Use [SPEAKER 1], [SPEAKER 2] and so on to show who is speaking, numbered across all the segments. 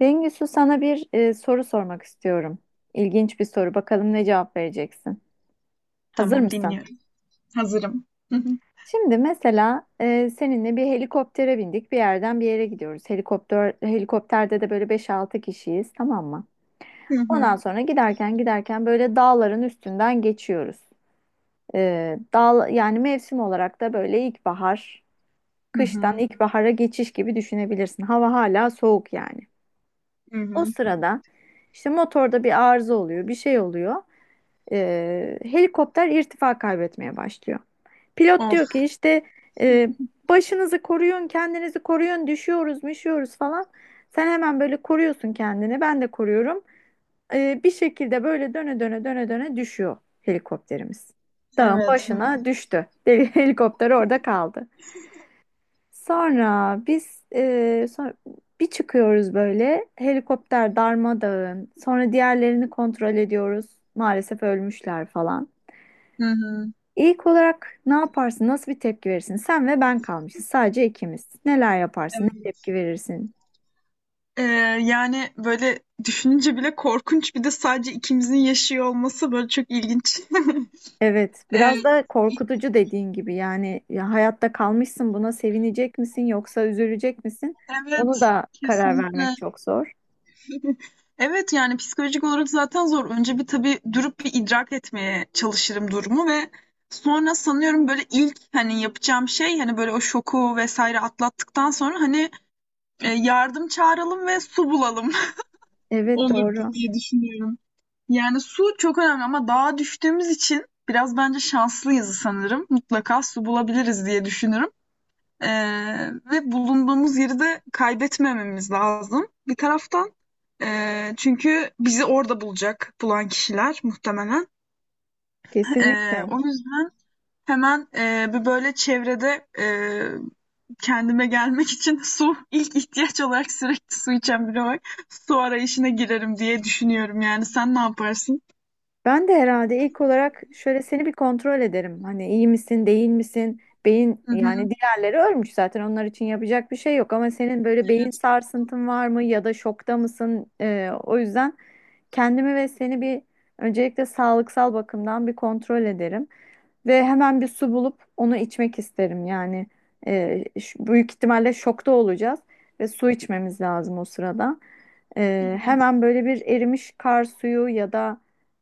[SPEAKER 1] Bengüsü sana bir soru sormak istiyorum. İlginç bir soru. Bakalım ne cevap vereceksin. Hazır
[SPEAKER 2] Tamam,
[SPEAKER 1] mısın?
[SPEAKER 2] dinliyorum. Hazırım. Hı hı.
[SPEAKER 1] Şimdi mesela seninle bir helikoptere bindik. Bir yerden bir yere gidiyoruz. Helikopterde de böyle beş altı kişiyiz, tamam mı?
[SPEAKER 2] Hı hı.
[SPEAKER 1] Ondan sonra giderken böyle dağların üstünden geçiyoruz. Dağ, yani mevsim olarak da böyle ilkbahar,
[SPEAKER 2] Hı
[SPEAKER 1] kıştan
[SPEAKER 2] hı.
[SPEAKER 1] ilkbahara geçiş gibi düşünebilirsin. Hava hala soğuk yani.
[SPEAKER 2] Hı
[SPEAKER 1] O
[SPEAKER 2] hı.
[SPEAKER 1] sırada işte motorda bir arıza oluyor, bir şey oluyor. Helikopter irtifa kaybetmeye başlıyor. Pilot
[SPEAKER 2] Of,
[SPEAKER 1] diyor ki işte e, başınızı koruyun, kendinizi koruyun, düşüyoruz, müşüyoruz falan. Sen hemen böyle koruyorsun kendini, ben de koruyorum. Bir şekilde böyle döne döne döne döne düşüyor helikopterimiz. Dağın
[SPEAKER 2] evet. Hı
[SPEAKER 1] başına düştü. Helikopter orada kaldı. Sonra biz e, sonra bir çıkıyoruz, böyle helikopter darmadağın. Sonra diğerlerini kontrol ediyoruz. Maalesef ölmüşler falan.
[SPEAKER 2] hı. Hı.
[SPEAKER 1] İlk olarak ne yaparsın? Nasıl bir tepki verirsin? Sen ve ben kalmışız. Sadece ikimiz. Neler yaparsın? Ne tepki
[SPEAKER 2] Evet.
[SPEAKER 1] verirsin?
[SPEAKER 2] Ee, Yani böyle düşününce bile korkunç, bir de sadece ikimizin yaşıyor olması böyle çok ilginç.
[SPEAKER 1] Evet,
[SPEAKER 2] Ee,
[SPEAKER 1] biraz da korkutucu dediğin gibi. Yani ya hayatta kalmışsın, buna sevinecek misin yoksa üzülecek misin?
[SPEAKER 2] evet,
[SPEAKER 1] Onu da karar
[SPEAKER 2] kesinlikle.
[SPEAKER 1] vermek çok zor.
[SPEAKER 2] Evet, yani psikolojik olarak zaten zor. Önce bir tabii durup bir idrak etmeye çalışırım durumu ve sonra sanıyorum böyle ilk, hani yapacağım şey, hani böyle o şoku vesaire atlattıktan sonra, hani yardım çağıralım ve su bulalım
[SPEAKER 1] Evet,
[SPEAKER 2] olur,
[SPEAKER 1] doğru.
[SPEAKER 2] diye düşünüyorum. Yani su çok önemli ama dağa düştüğümüz için biraz bence şanslıyız sanırım. Mutlaka su bulabiliriz diye düşünürüm. Ve bulunduğumuz yeri de kaybetmememiz lazım bir taraftan. Çünkü bizi orada bulacak, bulan kişiler muhtemelen.
[SPEAKER 1] Kesinlikle.
[SPEAKER 2] O yüzden... Hemen bir böyle çevrede kendime gelmek için su, ilk ihtiyaç olarak, sürekli su içen biri olarak su arayışına girerim diye düşünüyorum yani. Sen ne yaparsın?
[SPEAKER 1] Ben de herhalde ilk olarak şöyle seni bir kontrol ederim. Hani iyi misin, değil misin? Beyin,
[SPEAKER 2] Hı hı.
[SPEAKER 1] yani diğerleri ölmüş zaten, onlar için yapacak bir şey yok, ama senin böyle beyin
[SPEAKER 2] Evet.
[SPEAKER 1] sarsıntın var mı ya da şokta mısın? O yüzden kendimi ve seni bir, öncelikle sağlıksal bakımdan bir kontrol ederim ve hemen bir su bulup onu içmek isterim. Yani büyük ihtimalle şokta olacağız ve su içmemiz lazım o sırada.
[SPEAKER 2] Evet.
[SPEAKER 1] Hemen böyle bir erimiş kar suyu ya da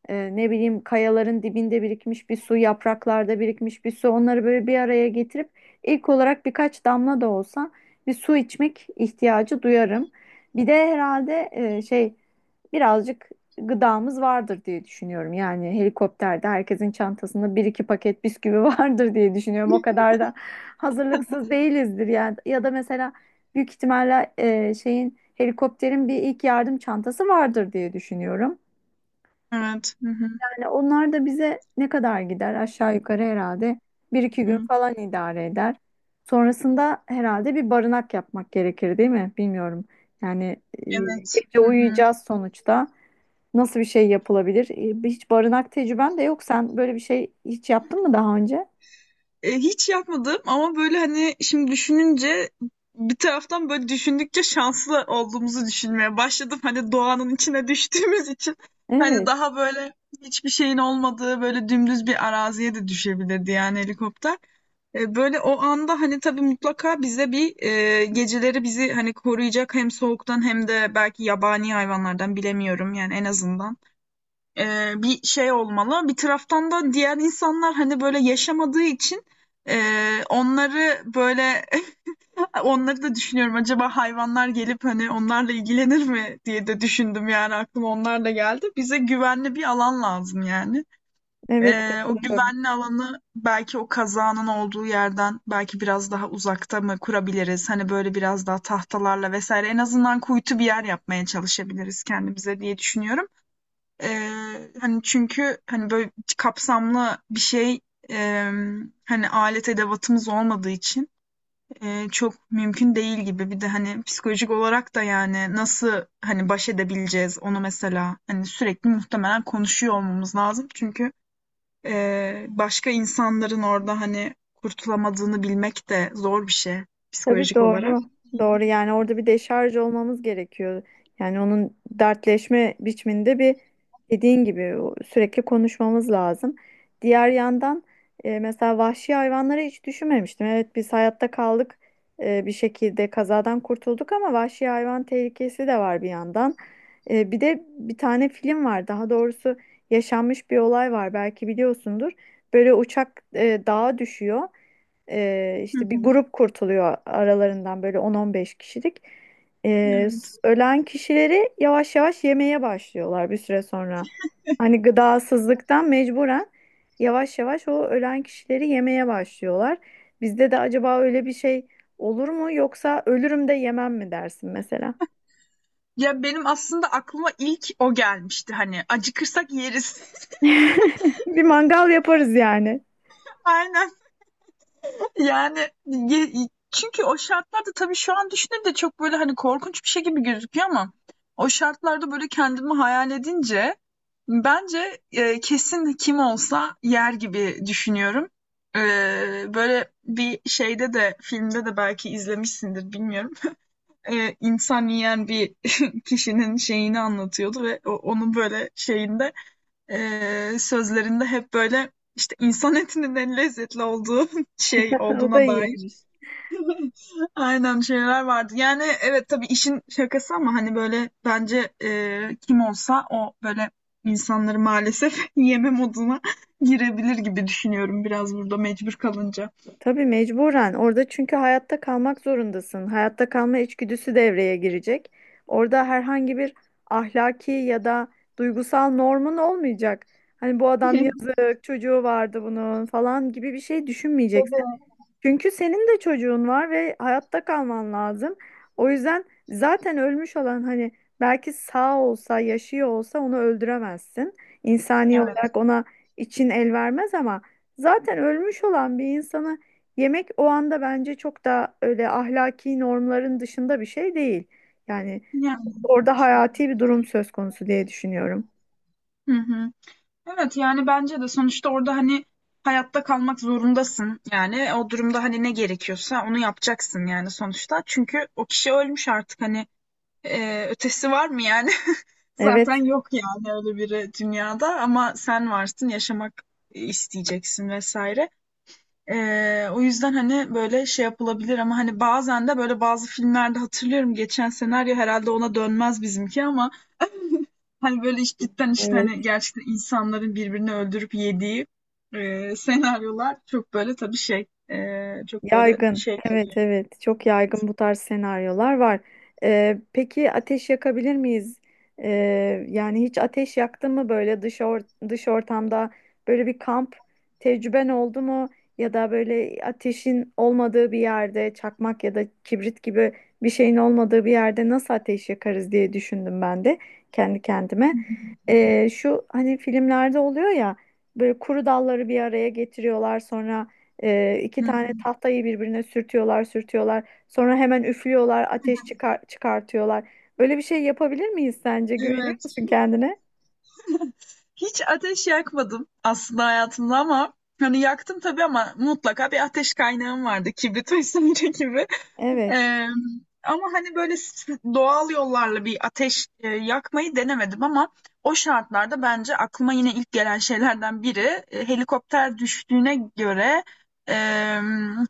[SPEAKER 1] ne bileyim, kayaların dibinde birikmiş bir su, yapraklarda birikmiş bir su, onları böyle bir araya getirip ilk olarak birkaç damla da olsa bir su içmek ihtiyacı duyarım. Bir de herhalde birazcık gıdamız vardır diye düşünüyorum. Yani helikopterde herkesin çantasında bir iki paket bisküvi vardır diye düşünüyorum. O kadar da hazırlıksız değilizdir yani. Ya da mesela büyük ihtimalle e, şeyin helikopterin bir ilk yardım çantası vardır diye düşünüyorum.
[SPEAKER 2] Evet. Hı hı.
[SPEAKER 1] Yani onlar da bize ne kadar gider, aşağı yukarı herhalde bir iki gün
[SPEAKER 2] Hı.
[SPEAKER 1] falan idare eder. Sonrasında herhalde bir barınak yapmak gerekir, değil mi? Bilmiyorum. Yani e,
[SPEAKER 2] Evet.
[SPEAKER 1] gece
[SPEAKER 2] Hı hı.
[SPEAKER 1] uyuyacağız sonuçta. Nasıl bir şey yapılabilir? Hiç barınak tecrüben de yok. Sen böyle bir şey hiç yaptın mı daha önce?
[SPEAKER 2] Hiç yapmadım ama böyle, hani şimdi düşününce bir taraftan böyle düşündükçe şanslı olduğumuzu düşünmeye başladım. Hani doğanın içine düştüğümüz için, hani
[SPEAKER 1] Evet,
[SPEAKER 2] daha böyle hiçbir şeyin olmadığı böyle dümdüz bir araziye de düşebilirdi yani helikopter. Böyle o anda hani tabii mutlaka bize bir, geceleri bizi hani koruyacak hem soğuktan hem de belki yabani hayvanlardan, bilemiyorum yani, en azından bir şey olmalı. Bir taraftan da diğer insanlar hani böyle yaşamadığı için onları böyle onları da düşünüyorum. Acaba hayvanlar gelip hani onlarla ilgilenir mi diye de düşündüm yani, aklıma onlar da geldi. Bize güvenli bir alan lazım yani.
[SPEAKER 1] evet,
[SPEAKER 2] O
[SPEAKER 1] katılıyorum.
[SPEAKER 2] güvenli alanı belki o kazanın olduğu yerden belki biraz daha uzakta mı kurabiliriz? Hani böyle biraz daha tahtalarla vesaire en azından kuytu bir yer yapmaya çalışabiliriz kendimize diye düşünüyorum. Hani çünkü hani böyle kapsamlı bir şey, e, hani alet edevatımız olmadığı için çok mümkün değil gibi. Bir de hani psikolojik olarak da yani nasıl hani baş edebileceğiz onu mesela, hani sürekli muhtemelen konuşuyor olmamız lazım. Çünkü başka insanların orada hani kurtulamadığını bilmek de zor bir şey,
[SPEAKER 1] Tabii,
[SPEAKER 2] psikolojik olarak.
[SPEAKER 1] doğru. Doğru, yani orada bir deşarj olmamız gerekiyor. Yani onun dertleşme biçiminde bir, dediğin gibi sürekli konuşmamız lazım. Diğer yandan mesela vahşi hayvanları hiç düşünmemiştim. Evet, biz hayatta kaldık, bir şekilde kazadan kurtulduk, ama vahşi hayvan tehlikesi de var bir yandan. Bir de bir tane film var, daha doğrusu yaşanmış bir olay var, belki biliyorsundur. Böyle uçak dağa düşüyor,
[SPEAKER 2] Hı
[SPEAKER 1] işte bir
[SPEAKER 2] hı.
[SPEAKER 1] grup kurtuluyor aralarından, böyle 10-15 kişilik.
[SPEAKER 2] Evet.
[SPEAKER 1] Ölen kişileri yavaş yavaş yemeye başlıyorlar bir süre sonra. Hani gıdasızlıktan mecburen yavaş yavaş o ölen kişileri yemeye başlıyorlar. Bizde de acaba öyle bir şey olur mu, yoksa ölürüm de yemem mi dersin mesela?
[SPEAKER 2] Ya benim aslında aklıma ilk o gelmişti, hani acıkırsak yeriz.
[SPEAKER 1] Bir mangal yaparız yani.
[SPEAKER 2] Aynen. Yani çünkü o şartlarda, tabii şu an düşününce çok böyle hani korkunç bir şey gibi gözüküyor ama o şartlarda böyle kendimi hayal edince bence kesin kim olsa yer gibi düşünüyorum. E, Böyle bir şeyde de, filmde de belki izlemişsindir, bilmiyorum. İnsan yiyen bir kişinin şeyini anlatıyordu ve onun böyle şeyinde, sözlerinde hep böyle işte insan etinin en lezzetli olduğu şey
[SPEAKER 1] O da
[SPEAKER 2] olduğuna dair
[SPEAKER 1] iyiymiş.
[SPEAKER 2] aynen şeyler vardı. Yani evet, tabii işin şakası ama hani böyle bence kim olsa o böyle insanları maalesef yeme moduna girebilir gibi düşünüyorum, biraz burada mecbur kalınca.
[SPEAKER 1] Tabii, mecburen orada çünkü hayatta kalmak zorundasın. Hayatta kalma içgüdüsü devreye girecek. Orada herhangi bir ahlaki ya da duygusal normun olmayacak. Hani bu adam yazık, çocuğu vardı bunun falan gibi bir şey düşünmeyeceksin.
[SPEAKER 2] Tabii.
[SPEAKER 1] Çünkü senin de çocuğun var ve hayatta kalman lazım. O yüzden zaten ölmüş olan, hani belki sağ olsa, yaşıyor olsa onu öldüremezsin. İnsani
[SPEAKER 2] Evet.
[SPEAKER 1] olarak ona için el vermez, ama zaten ölmüş olan bir insanı yemek o anda bence çok da öyle ahlaki normların dışında bir şey değil. Yani
[SPEAKER 2] Yani,
[SPEAKER 1] orada hayati bir durum söz konusu diye düşünüyorum.
[SPEAKER 2] hı hı. Evet, yani bence de sonuçta orada hani hayatta kalmak zorundasın. Yani o durumda hani ne gerekiyorsa onu yapacaksın yani sonuçta. Çünkü o kişi ölmüş artık, hani ötesi var mı yani? Zaten
[SPEAKER 1] Evet,
[SPEAKER 2] yok yani, öyle biri dünyada, ama sen varsın, yaşamak isteyeceksin vesaire. O yüzden hani böyle şey yapılabilir ama hani bazen de böyle bazı filmlerde hatırlıyorum, geçen senaryo herhalde ona dönmez bizimki ama hani böyle işte, cidden işte
[SPEAKER 1] evet.
[SPEAKER 2] hani gerçekten insanların birbirini öldürüp yediği senaryolar çok böyle, tabii şey, çok böyle
[SPEAKER 1] Yaygın.
[SPEAKER 2] şey
[SPEAKER 1] Evet,
[SPEAKER 2] kalıyor.
[SPEAKER 1] evet. Çok yaygın, bu tarz senaryolar var. Peki ateş yakabilir miyiz? Yani hiç ateş yaktın mı, böyle dış ortamda böyle bir kamp tecrüben oldu mu? Ya da böyle ateşin olmadığı bir yerde çakmak ya da kibrit gibi bir şeyin olmadığı bir yerde nasıl ateş yakarız diye düşündüm ben de kendi kendime. Şu hani filmlerde oluyor ya, böyle kuru dalları bir araya getiriyorlar sonra. İki
[SPEAKER 2] Hı
[SPEAKER 1] tane
[SPEAKER 2] hı.
[SPEAKER 1] tahtayı birbirine sürtüyorlar, sürtüyorlar. Sonra hemen üflüyorlar, ateş çıkar, çıkartıyorlar. Böyle bir şey yapabilir miyiz sence? Güveniyor
[SPEAKER 2] Evet.
[SPEAKER 1] musun kendine?
[SPEAKER 2] Hiç ateş yakmadım aslında hayatımda ama hani yaktım tabii, ama mutlaka bir ateş kaynağım vardı. Kibrit vesaire gibi.
[SPEAKER 1] Evet.
[SPEAKER 2] Ee, Ama hani böyle doğal yollarla bir ateş, yakmayı denemedim ama o şartlarda bence aklıma yine ilk gelen şeylerden biri, helikopter düştüğüne göre e,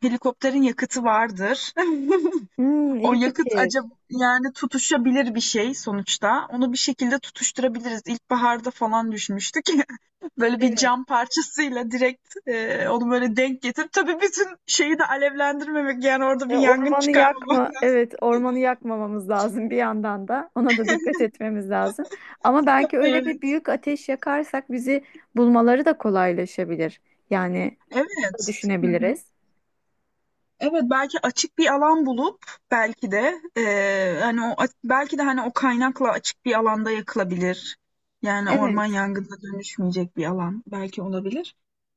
[SPEAKER 2] helikopterin yakıtı vardır.
[SPEAKER 1] Hmm,
[SPEAKER 2] O
[SPEAKER 1] iyi
[SPEAKER 2] yakıt
[SPEAKER 1] fikir.
[SPEAKER 2] acaba, yani tutuşabilir bir şey sonuçta. Onu bir şekilde tutuşturabiliriz. İlkbaharda falan düşmüştük. Böyle bir
[SPEAKER 1] Evet.
[SPEAKER 2] cam parçasıyla direkt onu böyle denk getirip, tabii bütün şeyi de alevlendirmemek, yani orada bir
[SPEAKER 1] Ya,
[SPEAKER 2] yangın
[SPEAKER 1] ormanı
[SPEAKER 2] çıkarmamak
[SPEAKER 1] yakma.
[SPEAKER 2] lazım.
[SPEAKER 1] Evet, ormanı yakmamamız lazım bir yandan da. Ona da dikkat etmemiz lazım. Ama belki öyle bir
[SPEAKER 2] Evet.
[SPEAKER 1] büyük ateş yakarsak bizi bulmaları da kolaylaşabilir. Yani bunu da
[SPEAKER 2] Evet. Hı hı.
[SPEAKER 1] düşünebiliriz.
[SPEAKER 2] Evet, belki açık bir alan bulup, belki de hani o, belki de hani o kaynakla açık bir alanda yakılabilir. Yani
[SPEAKER 1] Evet.
[SPEAKER 2] orman yangınına dönüşmeyecek bir alan belki olabilir.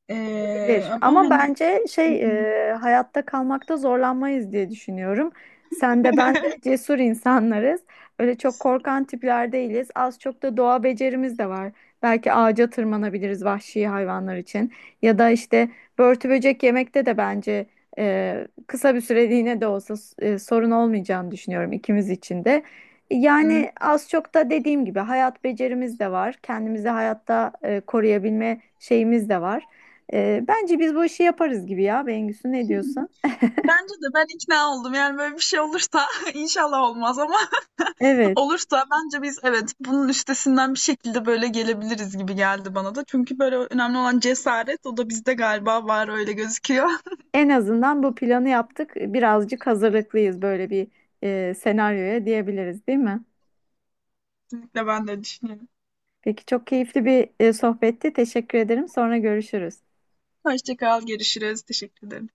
[SPEAKER 1] Bilir.
[SPEAKER 2] Ama
[SPEAKER 1] Ama
[SPEAKER 2] hani
[SPEAKER 1] bence şey, hayatta kalmakta zorlanmayız diye düşünüyorum. Sen de ben de cesur insanlarız. Öyle çok korkan tipler değiliz. Az çok da doğa becerimiz de var. Belki ağaca tırmanabiliriz vahşi hayvanlar için. Ya da işte börtü böcek yemekte de bence kısa bir süreliğine de olsa sorun olmayacağını düşünüyorum ikimiz için de. Yani az çok da dediğim gibi hayat becerimiz de var. Kendimizi hayatta koruyabilme şeyimiz de var. Bence biz bu işi yaparız gibi ya. Bengüsü, ne diyorsun?
[SPEAKER 2] bence de ben ikna oldum. Yani böyle bir şey olursa inşallah olmaz ama
[SPEAKER 1] Evet.
[SPEAKER 2] olursa bence biz, evet, bunun üstesinden bir şekilde böyle gelebiliriz gibi geldi bana da. Çünkü böyle önemli olan cesaret, o da bizde galiba var, öyle gözüküyor.
[SPEAKER 1] En azından bu planı yaptık. Birazcık hazırlıklıyız böyle bir senaryoya diyebiliriz, değil mi?
[SPEAKER 2] Kesinlikle, ben de düşünüyorum.
[SPEAKER 1] Peki, çok keyifli bir sohbetti. Teşekkür ederim. Sonra görüşürüz.
[SPEAKER 2] Hoşça kal, görüşürüz. Teşekkür ederim.